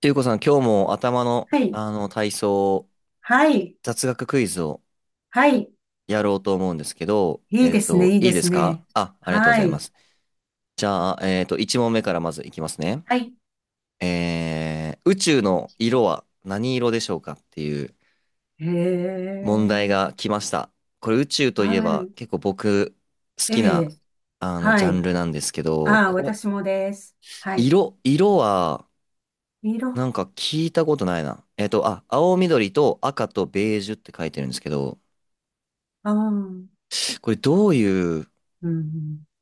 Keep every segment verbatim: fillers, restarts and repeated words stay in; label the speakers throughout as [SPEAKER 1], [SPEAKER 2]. [SPEAKER 1] ていうこさん、今日も頭の、
[SPEAKER 2] はい。
[SPEAKER 1] あの体操、
[SPEAKER 2] はい。
[SPEAKER 1] 雑学クイズを
[SPEAKER 2] はい。
[SPEAKER 1] やろうと思うんですけど、
[SPEAKER 2] いい
[SPEAKER 1] え
[SPEAKER 2] で
[SPEAKER 1] っ
[SPEAKER 2] すね。
[SPEAKER 1] と、
[SPEAKER 2] いい
[SPEAKER 1] いい
[SPEAKER 2] で
[SPEAKER 1] で
[SPEAKER 2] す
[SPEAKER 1] す
[SPEAKER 2] ね。
[SPEAKER 1] かあ。ありがとうござ
[SPEAKER 2] は
[SPEAKER 1] いま
[SPEAKER 2] い。
[SPEAKER 1] す。じゃあ、えっと、いち問目からまずいきますね。
[SPEAKER 2] はい。
[SPEAKER 1] えー、宇宙の色は何色でしょうかっていう
[SPEAKER 2] へ
[SPEAKER 1] 問題
[SPEAKER 2] え。
[SPEAKER 1] が来ました。これ宇宙といえ
[SPEAKER 2] は
[SPEAKER 1] ば
[SPEAKER 2] い。
[SPEAKER 1] 結構僕好
[SPEAKER 2] え
[SPEAKER 1] きな、
[SPEAKER 2] え。
[SPEAKER 1] あの、ジ
[SPEAKER 2] は
[SPEAKER 1] ャン
[SPEAKER 2] い。
[SPEAKER 1] ルなんですけど、
[SPEAKER 2] ああ、
[SPEAKER 1] ここ、
[SPEAKER 2] 私もです。はい。
[SPEAKER 1] 色、色は
[SPEAKER 2] 色。
[SPEAKER 1] な
[SPEAKER 2] あ
[SPEAKER 1] んか聞いたことないな。えっと、あ、青緑と赤とベージュって書いてるんですけど、
[SPEAKER 2] あ。うん。
[SPEAKER 1] これどういう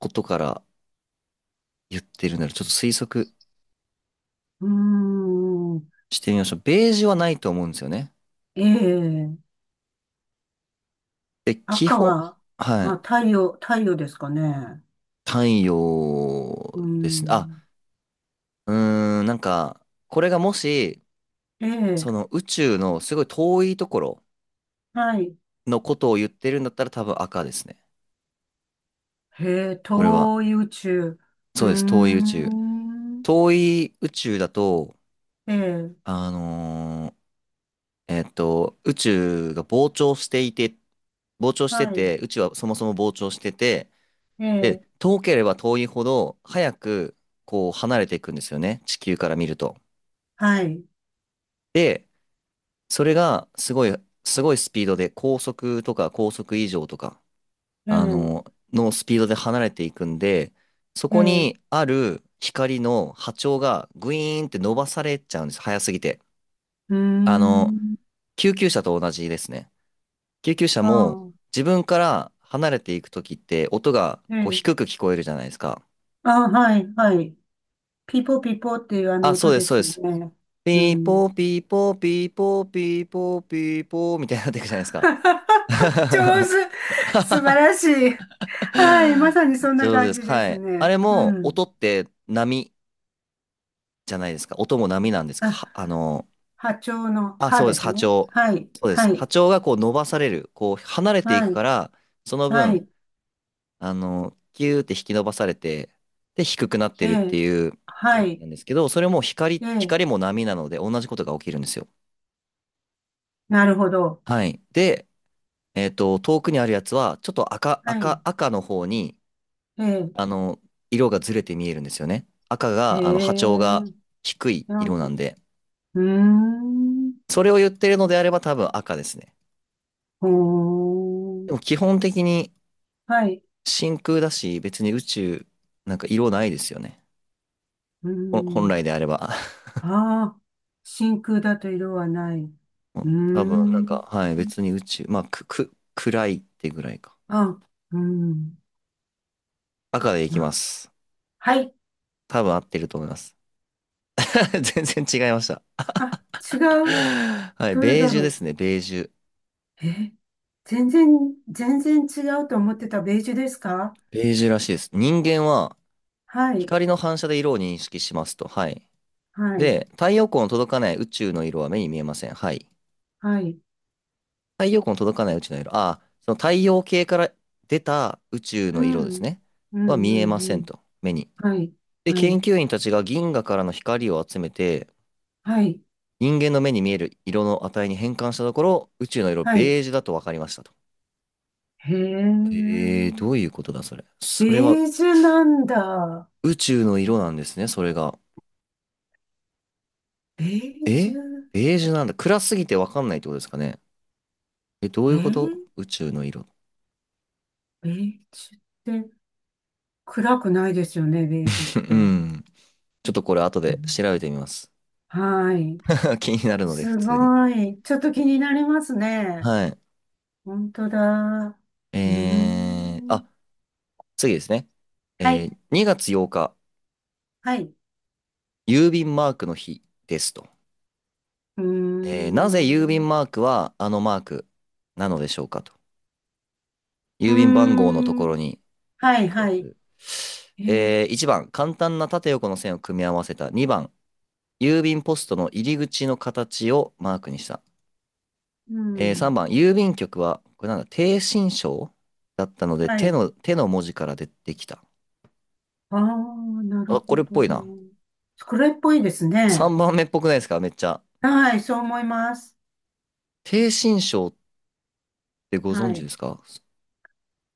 [SPEAKER 1] ことから言ってるんだろう。ちょっと推測
[SPEAKER 2] うーん。
[SPEAKER 1] してみましょう。ベージュはないと思うんですよね。
[SPEAKER 2] ええ。
[SPEAKER 1] で、基
[SPEAKER 2] 赤
[SPEAKER 1] 本、
[SPEAKER 2] は、
[SPEAKER 1] は
[SPEAKER 2] あ、
[SPEAKER 1] い。
[SPEAKER 2] 太陽、太陽ですかね。
[SPEAKER 1] 太陽
[SPEAKER 2] う
[SPEAKER 1] ですね。あ、
[SPEAKER 2] ん。
[SPEAKER 1] うーん、なんか、これがもし、
[SPEAKER 2] ええ。
[SPEAKER 1] その宇宙のすごい遠いところ
[SPEAKER 2] はい。
[SPEAKER 1] のことを言ってるんだったら多分赤ですね。
[SPEAKER 2] へえ、
[SPEAKER 1] これは。
[SPEAKER 2] 東遊宇宙。う
[SPEAKER 1] そ
[SPEAKER 2] ー
[SPEAKER 1] うです。遠い宇宙。
[SPEAKER 2] ん。
[SPEAKER 1] 遠い宇宙だと、
[SPEAKER 2] ええ。
[SPEAKER 1] あのーえっと、宇宙が膨張していて、膨張して
[SPEAKER 2] はい。
[SPEAKER 1] て、宇宙はそもそも膨張してて、
[SPEAKER 2] え
[SPEAKER 1] で、
[SPEAKER 2] え。
[SPEAKER 1] 遠ければ遠いほど、早く、こう、離れていくんですよね。地球から見ると。
[SPEAKER 2] はい。
[SPEAKER 1] で、それが、すごい、すごいスピードで、高速とか高速以上とか、
[SPEAKER 2] え
[SPEAKER 1] あ
[SPEAKER 2] え。
[SPEAKER 1] の、のスピードで離れていくんで、そ
[SPEAKER 2] ええ、
[SPEAKER 1] こ
[SPEAKER 2] う
[SPEAKER 1] にある光の波長がグイーンって伸ばされちゃうんです。早すぎて。
[SPEAKER 2] ー
[SPEAKER 1] あの、
[SPEAKER 2] ん、
[SPEAKER 1] 救急車と同じですね。救急車
[SPEAKER 2] あ
[SPEAKER 1] も、
[SPEAKER 2] あ、
[SPEAKER 1] 自分から離れていくときって、音が、
[SPEAKER 2] え
[SPEAKER 1] こう、
[SPEAKER 2] え、
[SPEAKER 1] 低く聞こえるじゃないですか。
[SPEAKER 2] ああ、はい、はい。ピーポーピーポーっていうあの
[SPEAKER 1] あ、そ
[SPEAKER 2] 音
[SPEAKER 1] うで
[SPEAKER 2] で
[SPEAKER 1] す、そう
[SPEAKER 2] す
[SPEAKER 1] で
[SPEAKER 2] よ
[SPEAKER 1] す。
[SPEAKER 2] ね。う
[SPEAKER 1] ピーポ
[SPEAKER 2] ん。
[SPEAKER 1] ーピーポーピーポーピーポーピーポーみたいになっていくじゃないですか。
[SPEAKER 2] 上 手。素晴らしい。はい、まさにそんな
[SPEAKER 1] 上手で
[SPEAKER 2] 感
[SPEAKER 1] す
[SPEAKER 2] じ
[SPEAKER 1] か。
[SPEAKER 2] で
[SPEAKER 1] は
[SPEAKER 2] す
[SPEAKER 1] い。あ
[SPEAKER 2] ね。
[SPEAKER 1] れ
[SPEAKER 2] う
[SPEAKER 1] も
[SPEAKER 2] ん。
[SPEAKER 1] 音って波じゃないですか。音も波なんですか。
[SPEAKER 2] あ、
[SPEAKER 1] はあの、
[SPEAKER 2] 波長の
[SPEAKER 1] あ、
[SPEAKER 2] 波
[SPEAKER 1] そうで
[SPEAKER 2] で
[SPEAKER 1] す。
[SPEAKER 2] す
[SPEAKER 1] 波
[SPEAKER 2] ね。
[SPEAKER 1] 長。
[SPEAKER 2] はい、
[SPEAKER 1] そうです。
[SPEAKER 2] は
[SPEAKER 1] 波
[SPEAKER 2] い、
[SPEAKER 1] 長がこう伸ばされる。こう離れてい
[SPEAKER 2] は
[SPEAKER 1] くか
[SPEAKER 2] い、
[SPEAKER 1] ら、その
[SPEAKER 2] は
[SPEAKER 1] 分、
[SPEAKER 2] い、
[SPEAKER 1] あの、キューって引き伸ばされて、で、低くなっ
[SPEAKER 2] え
[SPEAKER 1] てるって
[SPEAKER 2] え、
[SPEAKER 1] いう
[SPEAKER 2] は
[SPEAKER 1] 原理
[SPEAKER 2] い、
[SPEAKER 1] なんですけど、それも光、
[SPEAKER 2] ええ、
[SPEAKER 1] 光も波なので同じことが起きるんですよ。
[SPEAKER 2] なるほど。
[SPEAKER 1] はい。で、えっと、遠くにあるやつは、ちょっと赤、
[SPEAKER 2] は
[SPEAKER 1] 赤、
[SPEAKER 2] い、
[SPEAKER 1] 赤の方に、
[SPEAKER 2] ええ、
[SPEAKER 1] あの、色がずれて見えるんですよね。赤
[SPEAKER 2] へ
[SPEAKER 1] が、あの、波
[SPEAKER 2] え、
[SPEAKER 1] 長が低い
[SPEAKER 2] う
[SPEAKER 1] 色
[SPEAKER 2] ん、
[SPEAKER 1] な
[SPEAKER 2] う
[SPEAKER 1] んで、
[SPEAKER 2] ーん、
[SPEAKER 1] それを言ってるのであれば多分赤ですね。
[SPEAKER 2] ほ
[SPEAKER 1] で
[SPEAKER 2] ー、
[SPEAKER 1] も基本的に
[SPEAKER 2] はい。
[SPEAKER 1] 真空だし、別に宇宙、なんか色ないですよね。
[SPEAKER 2] う
[SPEAKER 1] ほん本
[SPEAKER 2] ん。
[SPEAKER 1] 来であれば。
[SPEAKER 2] ああ、真空だと色はない。う
[SPEAKER 1] う
[SPEAKER 2] ー
[SPEAKER 1] ん多分、なんか、
[SPEAKER 2] ん。
[SPEAKER 1] はい、別に宇宙、まあ、く、く、暗いってぐらいか。
[SPEAKER 2] あ、うん。
[SPEAKER 1] 赤でいきま
[SPEAKER 2] ま、
[SPEAKER 1] す。
[SPEAKER 2] はい。
[SPEAKER 1] 多分合ってると思います。全然違いました。
[SPEAKER 2] あ、違う。
[SPEAKER 1] はい、
[SPEAKER 2] どれ
[SPEAKER 1] ベー
[SPEAKER 2] だ
[SPEAKER 1] ジュで
[SPEAKER 2] ろ
[SPEAKER 1] すね、ベージュ。
[SPEAKER 2] う。え、全然、全然違うと思ってたベージュですか？
[SPEAKER 1] ベージュらしいです。人間は
[SPEAKER 2] はい。
[SPEAKER 1] 光の反射で色を認識しますと。はい。
[SPEAKER 2] はい。
[SPEAKER 1] で、太陽光の届かない宇宙の色は目に見えません。はい。
[SPEAKER 2] はい。
[SPEAKER 1] 太陽光の届かない宇宙の色。ああ、その太陽系から出た宇宙
[SPEAKER 2] う
[SPEAKER 1] の色で
[SPEAKER 2] ん。う
[SPEAKER 1] す
[SPEAKER 2] ん、
[SPEAKER 1] ね。
[SPEAKER 2] う
[SPEAKER 1] は見えま
[SPEAKER 2] ん、う
[SPEAKER 1] せん
[SPEAKER 2] ん。
[SPEAKER 1] と。目に。
[SPEAKER 2] はい。
[SPEAKER 1] で、
[SPEAKER 2] はい。
[SPEAKER 1] 研究員たちが銀河からの光を集めて、
[SPEAKER 2] はい。
[SPEAKER 1] 人間の目に見える色の値に変換したところ、宇宙の色
[SPEAKER 2] はい。
[SPEAKER 1] ベージュだと分かりましたと。
[SPEAKER 2] へえ。
[SPEAKER 1] えー、どういうことだそれ。
[SPEAKER 2] ベ
[SPEAKER 1] それは
[SPEAKER 2] ージュなんだ。
[SPEAKER 1] 宇宙の色なんですね、それが。
[SPEAKER 2] ベージュ。
[SPEAKER 1] えベージュなんだ。暗すぎてわかんないってことですかね。え、どう
[SPEAKER 2] え
[SPEAKER 1] いうこ
[SPEAKER 2] ー
[SPEAKER 1] と宇宙の色。
[SPEAKER 2] ベージュって。暗くないですよね、ベージュっ
[SPEAKER 1] う
[SPEAKER 2] て。
[SPEAKER 1] ん。ちょっとこれ後
[SPEAKER 2] う
[SPEAKER 1] で
[SPEAKER 2] ん、
[SPEAKER 1] 調べてみます。
[SPEAKER 2] はい。
[SPEAKER 1] 気になるので、普
[SPEAKER 2] す
[SPEAKER 1] 通に。
[SPEAKER 2] ごい。ちょっと気になりますね。
[SPEAKER 1] はい。
[SPEAKER 2] 本当だ。うー
[SPEAKER 1] えー、
[SPEAKER 2] ん。
[SPEAKER 1] あ、次ですね。
[SPEAKER 2] は
[SPEAKER 1] え
[SPEAKER 2] い。
[SPEAKER 1] ー、にがつようか、
[SPEAKER 2] はい。
[SPEAKER 1] 郵便マークの日ですと。
[SPEAKER 2] うー
[SPEAKER 1] えー、なぜ郵
[SPEAKER 2] ん。
[SPEAKER 1] 便マークはあのマークなのでしょうかと。
[SPEAKER 2] うー
[SPEAKER 1] 郵便番号のところ
[SPEAKER 2] ん。
[SPEAKER 1] に
[SPEAKER 2] は
[SPEAKER 1] 書
[SPEAKER 2] い、
[SPEAKER 1] くや
[SPEAKER 2] はい。
[SPEAKER 1] つ。
[SPEAKER 2] え、
[SPEAKER 1] えー、いちばん、簡単な縦横の線を組み合わせた。にばん、郵便ポストの入り口の形をマークにした。
[SPEAKER 2] う
[SPEAKER 1] えー
[SPEAKER 2] ん。
[SPEAKER 1] さんばん、郵便局は、これなんだ、低心章だったので、
[SPEAKER 2] は
[SPEAKER 1] 手
[SPEAKER 2] い。
[SPEAKER 1] の、手の文字から出てきた。
[SPEAKER 2] ああ、なる
[SPEAKER 1] あ、こ
[SPEAKER 2] ほ
[SPEAKER 1] れっぽいな。
[SPEAKER 2] ど。これっぽいですね。
[SPEAKER 1] さんばんめっぽくないですかめっちゃ。
[SPEAKER 2] はい、そう思います。
[SPEAKER 1] 低心章ってご
[SPEAKER 2] は
[SPEAKER 1] 存知で
[SPEAKER 2] い。
[SPEAKER 1] すか？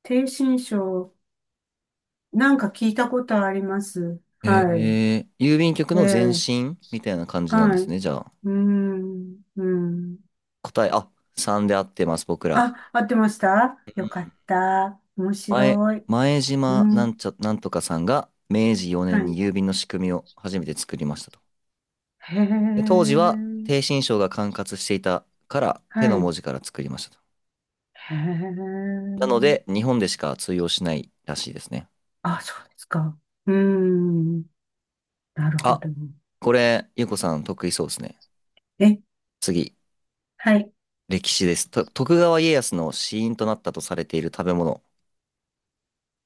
[SPEAKER 2] 低心症。なんか聞いたことあります。はい。
[SPEAKER 1] えー、郵便局
[SPEAKER 2] え
[SPEAKER 1] の前
[SPEAKER 2] え
[SPEAKER 1] 身みたいな感じなん
[SPEAKER 2] は
[SPEAKER 1] で
[SPEAKER 2] い。
[SPEAKER 1] す
[SPEAKER 2] う
[SPEAKER 1] ね。じゃあ、
[SPEAKER 2] ーん、うん。
[SPEAKER 1] 答え、あ、さんで合ってます、僕ら。
[SPEAKER 2] あ、合ってました
[SPEAKER 1] う
[SPEAKER 2] よかっ
[SPEAKER 1] ん
[SPEAKER 2] た。面
[SPEAKER 1] 前、
[SPEAKER 2] 白い。
[SPEAKER 1] 前
[SPEAKER 2] う
[SPEAKER 1] 島なん
[SPEAKER 2] ん。
[SPEAKER 1] ちゃ、なんとかさんが明治
[SPEAKER 2] は
[SPEAKER 1] よねんに
[SPEAKER 2] い。
[SPEAKER 1] 郵便の仕組みを初めて作りましたと。
[SPEAKER 2] へ
[SPEAKER 1] で当時は低
[SPEAKER 2] え。
[SPEAKER 1] 身章が管轄していたから手
[SPEAKER 2] は
[SPEAKER 1] の
[SPEAKER 2] い。
[SPEAKER 1] 文字から作りましたと。
[SPEAKER 2] へ
[SPEAKER 1] なの
[SPEAKER 2] え。
[SPEAKER 1] で日本でしか通用しないらしいですね。
[SPEAKER 2] あ、そうですか。うーん。なるほ
[SPEAKER 1] あ、
[SPEAKER 2] ど。
[SPEAKER 1] これ、ゆうこさん得意そうですね。
[SPEAKER 2] え、
[SPEAKER 1] 次、
[SPEAKER 2] はい。
[SPEAKER 1] 歴史です。と徳川家康の死因となったとされている食べ物。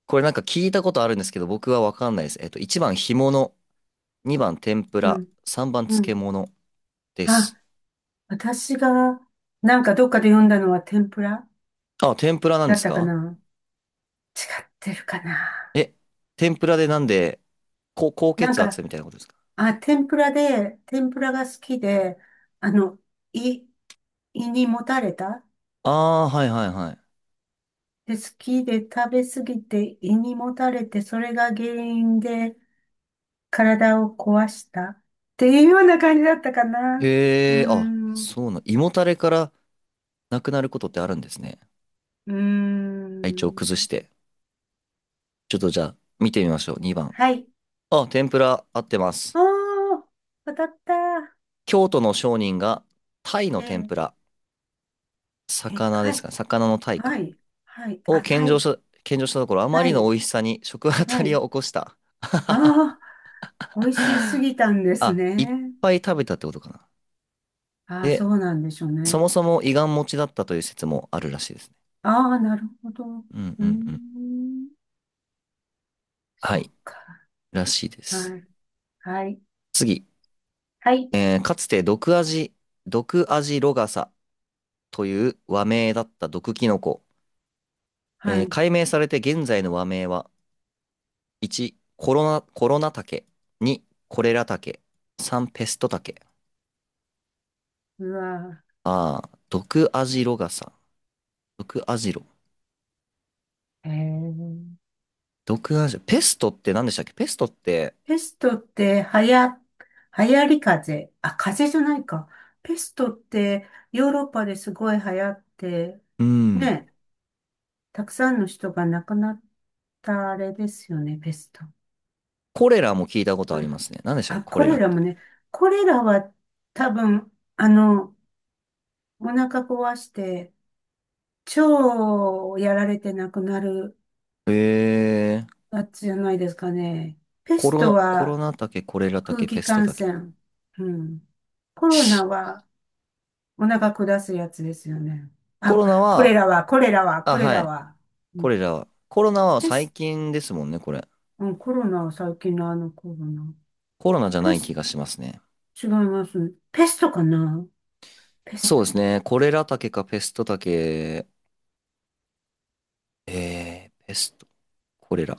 [SPEAKER 1] これなんか聞いたことあるんですけど、僕はわかんないです。えっと、いちばん干物、にばん天ぷ
[SPEAKER 2] う
[SPEAKER 1] ら、
[SPEAKER 2] ん、
[SPEAKER 1] さんばん
[SPEAKER 2] う
[SPEAKER 1] 漬
[SPEAKER 2] ん。
[SPEAKER 1] 物で
[SPEAKER 2] あ、
[SPEAKER 1] す。
[SPEAKER 2] 私が、なんかどっかで読んだのは天ぷら
[SPEAKER 1] あ、天ぷらなん
[SPEAKER 2] だ
[SPEAKER 1] で
[SPEAKER 2] っ
[SPEAKER 1] す
[SPEAKER 2] たか
[SPEAKER 1] か？
[SPEAKER 2] な、違ってるかな。
[SPEAKER 1] え、天ぷらでなんで、高高
[SPEAKER 2] なん
[SPEAKER 1] 血
[SPEAKER 2] か、
[SPEAKER 1] 圧みたいなことですか？
[SPEAKER 2] あ、天ぷらで、天ぷらが好きで、あの、胃、胃にもたれた。
[SPEAKER 1] ああー、はいはいはい。
[SPEAKER 2] で、好きで食べ過ぎて胃にもたれて、それが原因で体を壊したっていうような感じだったかな。うー
[SPEAKER 1] へえ、あ、
[SPEAKER 2] ん、う
[SPEAKER 1] そうな、胃もたれからなくなることってあるんですね。
[SPEAKER 2] ー
[SPEAKER 1] 体調崩し
[SPEAKER 2] ん。
[SPEAKER 1] て。ちょっとじゃあ、見てみましょう。にばん。
[SPEAKER 2] はい。
[SPEAKER 1] あ、天ぷら合ってま
[SPEAKER 2] あ
[SPEAKER 1] す。
[SPEAKER 2] あ、当たった。
[SPEAKER 1] 京都の商人が、タイ
[SPEAKER 2] え
[SPEAKER 1] の天
[SPEAKER 2] え、
[SPEAKER 1] ぷら、
[SPEAKER 2] え、
[SPEAKER 1] 魚
[SPEAKER 2] か
[SPEAKER 1] です
[SPEAKER 2] い。
[SPEAKER 1] か、魚のタイ
[SPEAKER 2] は
[SPEAKER 1] か、
[SPEAKER 2] い。はい。
[SPEAKER 1] を
[SPEAKER 2] あ、
[SPEAKER 1] 献
[SPEAKER 2] た
[SPEAKER 1] 上し
[SPEAKER 2] い。
[SPEAKER 1] た、献上したところ、あま
[SPEAKER 2] は
[SPEAKER 1] りの
[SPEAKER 2] い。
[SPEAKER 1] 美味しさに食あた
[SPEAKER 2] は
[SPEAKER 1] り
[SPEAKER 2] い。
[SPEAKER 1] を起こした。
[SPEAKER 2] ああ、美味 しすぎたんです
[SPEAKER 1] あ、いっ
[SPEAKER 2] ね。
[SPEAKER 1] ぱい食べたってことかな。
[SPEAKER 2] ああ、そ
[SPEAKER 1] で、
[SPEAKER 2] うなんでしょう
[SPEAKER 1] そ
[SPEAKER 2] ね。
[SPEAKER 1] もそも胃がん持ちだったという説もあるらしいですね。
[SPEAKER 2] ああ、なるほど。う
[SPEAKER 1] うん
[SPEAKER 2] ー
[SPEAKER 1] うんうん。
[SPEAKER 2] ん。
[SPEAKER 1] は
[SPEAKER 2] そ
[SPEAKER 1] い、
[SPEAKER 2] っか。
[SPEAKER 1] らしいです。
[SPEAKER 2] はい。はい。
[SPEAKER 1] 次。
[SPEAKER 2] はい。
[SPEAKER 1] えーかつて毒味、毒味ロガサという和名だった毒キノコ。
[SPEAKER 2] は
[SPEAKER 1] えー
[SPEAKER 2] い。
[SPEAKER 1] 解明されて現在の和名は、いち、コロナ、コロナタケ、に、コレラタケ、さん、ペストタケ。
[SPEAKER 2] うわ
[SPEAKER 1] ああ、毒味ロガサ。毒味ロ。
[SPEAKER 2] ー。えー、
[SPEAKER 1] 毒味ロ、ペストって何でしたっけ？ペストって、
[SPEAKER 2] ペストって、はや、流行り風あ、風邪じゃないか。ペストって、ヨーロッパですごい流行って、
[SPEAKER 1] うん、
[SPEAKER 2] ね、たくさんの人が亡くなったあれですよね、ペスト。
[SPEAKER 1] コレラも聞いたことあ
[SPEAKER 2] う
[SPEAKER 1] り
[SPEAKER 2] ん
[SPEAKER 1] ますね。何でしたっけ
[SPEAKER 2] あ、
[SPEAKER 1] コ
[SPEAKER 2] コ
[SPEAKER 1] レ
[SPEAKER 2] レ
[SPEAKER 1] ラっ
[SPEAKER 2] ラも
[SPEAKER 1] て。
[SPEAKER 2] ね、コレラは多分、あの、お腹壊して、腸をやられて亡くなる
[SPEAKER 1] えー、
[SPEAKER 2] やつじゃないですかね。ペ
[SPEAKER 1] コ
[SPEAKER 2] ス
[SPEAKER 1] ロ
[SPEAKER 2] ト
[SPEAKER 1] ナ、コロ
[SPEAKER 2] は
[SPEAKER 1] ナタケ、コレラタ
[SPEAKER 2] 空
[SPEAKER 1] ケ、ペ
[SPEAKER 2] 気
[SPEAKER 1] スト
[SPEAKER 2] 感
[SPEAKER 1] タケ。
[SPEAKER 2] 染。うん。コロナはお腹下すやつですよね。
[SPEAKER 1] コ
[SPEAKER 2] あ、
[SPEAKER 1] ロナ
[SPEAKER 2] これ
[SPEAKER 1] は、
[SPEAKER 2] らは、これらは、
[SPEAKER 1] あ、
[SPEAKER 2] これ
[SPEAKER 1] は
[SPEAKER 2] ら
[SPEAKER 1] い。
[SPEAKER 2] は。う
[SPEAKER 1] こ
[SPEAKER 2] ん、
[SPEAKER 1] れじゃあ、コロナは
[SPEAKER 2] ペ
[SPEAKER 1] 最
[SPEAKER 2] ス、
[SPEAKER 1] 近ですもんね、これ。
[SPEAKER 2] うん、コロナは最近のあのコロナ。
[SPEAKER 1] コロナじゃ
[SPEAKER 2] ペ
[SPEAKER 1] ない気
[SPEAKER 2] ス、
[SPEAKER 1] がしますね。
[SPEAKER 2] 違いますね。ペストかなペス
[SPEAKER 1] そう
[SPEAKER 2] ト。
[SPEAKER 1] ですね。コレラ竹かペスト竹。えー、ペスト、コレラ。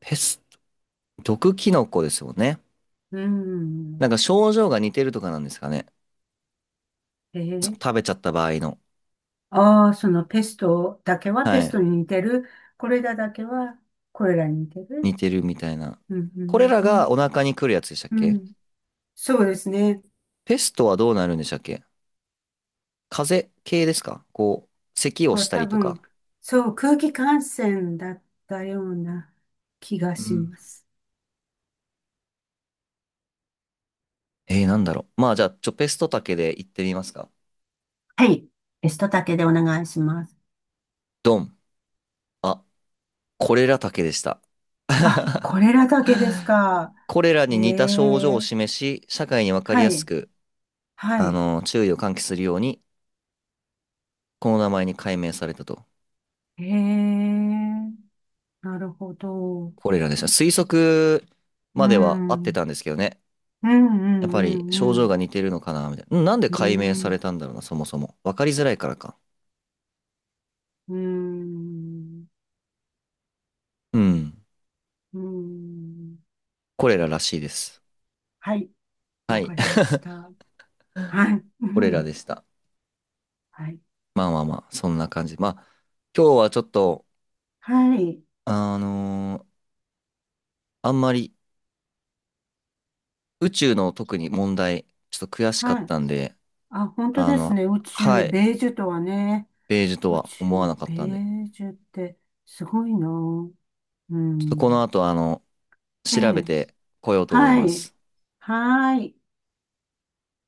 [SPEAKER 1] ペスト、毒キノコですもんね。
[SPEAKER 2] う
[SPEAKER 1] なん
[SPEAKER 2] ん。
[SPEAKER 1] か症状が似てるとかなんですかね。
[SPEAKER 2] え
[SPEAKER 1] そ
[SPEAKER 2] ー、
[SPEAKER 1] 食べちゃった場合の。
[SPEAKER 2] ああ、そのペストだけは
[SPEAKER 1] は
[SPEAKER 2] ペス
[SPEAKER 1] い。
[SPEAKER 2] トに似てる。これらだけはこれらに似てる。
[SPEAKER 1] 似てるみたいな。
[SPEAKER 2] うんうん
[SPEAKER 1] これ
[SPEAKER 2] う
[SPEAKER 1] らがお
[SPEAKER 2] ん
[SPEAKER 1] 腹に来るやつでしたっ
[SPEAKER 2] う
[SPEAKER 1] け？
[SPEAKER 2] ん、そうですね。
[SPEAKER 1] ペストはどうなるんでしたっけ？風邪系ですかこう、咳を
[SPEAKER 2] そう、
[SPEAKER 1] した
[SPEAKER 2] 多
[SPEAKER 1] りと
[SPEAKER 2] 分、
[SPEAKER 1] か。
[SPEAKER 2] そう、空気感染だったような気が
[SPEAKER 1] う
[SPEAKER 2] し
[SPEAKER 1] ん。
[SPEAKER 2] ます。
[SPEAKER 1] えー、なんだろう。まあじゃあ、ちょ、ペスト竹で行ってみますか。
[SPEAKER 2] はい。ベストだけでお願いします。
[SPEAKER 1] ドン。あこれらだけでした。
[SPEAKER 2] あ、こ れらだけですか。
[SPEAKER 1] これら
[SPEAKER 2] へ
[SPEAKER 1] に似た症状
[SPEAKER 2] え。
[SPEAKER 1] を示し、社会にわかり
[SPEAKER 2] は
[SPEAKER 1] やす
[SPEAKER 2] い。
[SPEAKER 1] く、
[SPEAKER 2] は
[SPEAKER 1] あ
[SPEAKER 2] い。
[SPEAKER 1] の、注意を喚起するように、この名前に改名されたと。
[SPEAKER 2] へえ。なるほど。
[SPEAKER 1] これらでした。推測
[SPEAKER 2] う
[SPEAKER 1] までは合
[SPEAKER 2] ん。
[SPEAKER 1] っ
[SPEAKER 2] う
[SPEAKER 1] て
[SPEAKER 2] ん
[SPEAKER 1] たんですけどね。
[SPEAKER 2] う
[SPEAKER 1] やっぱり
[SPEAKER 2] ん
[SPEAKER 1] 症
[SPEAKER 2] う
[SPEAKER 1] 状
[SPEAKER 2] ん
[SPEAKER 1] が似てるのかな、みたいな。うんなんで
[SPEAKER 2] う
[SPEAKER 1] 改名さ
[SPEAKER 2] ん。
[SPEAKER 1] れたんだろうな、そもそも。わかりづらいからか。
[SPEAKER 2] うん。
[SPEAKER 1] うん。
[SPEAKER 2] うん。
[SPEAKER 1] これららしいです。
[SPEAKER 2] はい。
[SPEAKER 1] は
[SPEAKER 2] わか
[SPEAKER 1] い。
[SPEAKER 2] りまし た。はい。う
[SPEAKER 1] これら
[SPEAKER 2] ん
[SPEAKER 1] でした。
[SPEAKER 2] はい。
[SPEAKER 1] まあまあまあ、そんな感じ。まあ、今日はちょっと、
[SPEAKER 2] はい。
[SPEAKER 1] あのーあんまり宇宙の特に問題、ちょっと悔しか
[SPEAKER 2] は
[SPEAKER 1] っ
[SPEAKER 2] い。
[SPEAKER 1] たんで、
[SPEAKER 2] あ、本当
[SPEAKER 1] あ
[SPEAKER 2] です
[SPEAKER 1] の、
[SPEAKER 2] ね。宇
[SPEAKER 1] は
[SPEAKER 2] 宙、
[SPEAKER 1] い、
[SPEAKER 2] ベージュとはね。
[SPEAKER 1] ベージュと
[SPEAKER 2] 宇
[SPEAKER 1] は
[SPEAKER 2] 宙、
[SPEAKER 1] 思わなかっ
[SPEAKER 2] ベ
[SPEAKER 1] たんで、
[SPEAKER 2] ージュってすごいな。う
[SPEAKER 1] ちょっとこの
[SPEAKER 2] ん。
[SPEAKER 1] 後、あの、
[SPEAKER 2] え
[SPEAKER 1] 調べ
[SPEAKER 2] え。
[SPEAKER 1] てこようと思い
[SPEAKER 2] は
[SPEAKER 1] ま
[SPEAKER 2] い。
[SPEAKER 1] す。
[SPEAKER 2] はい。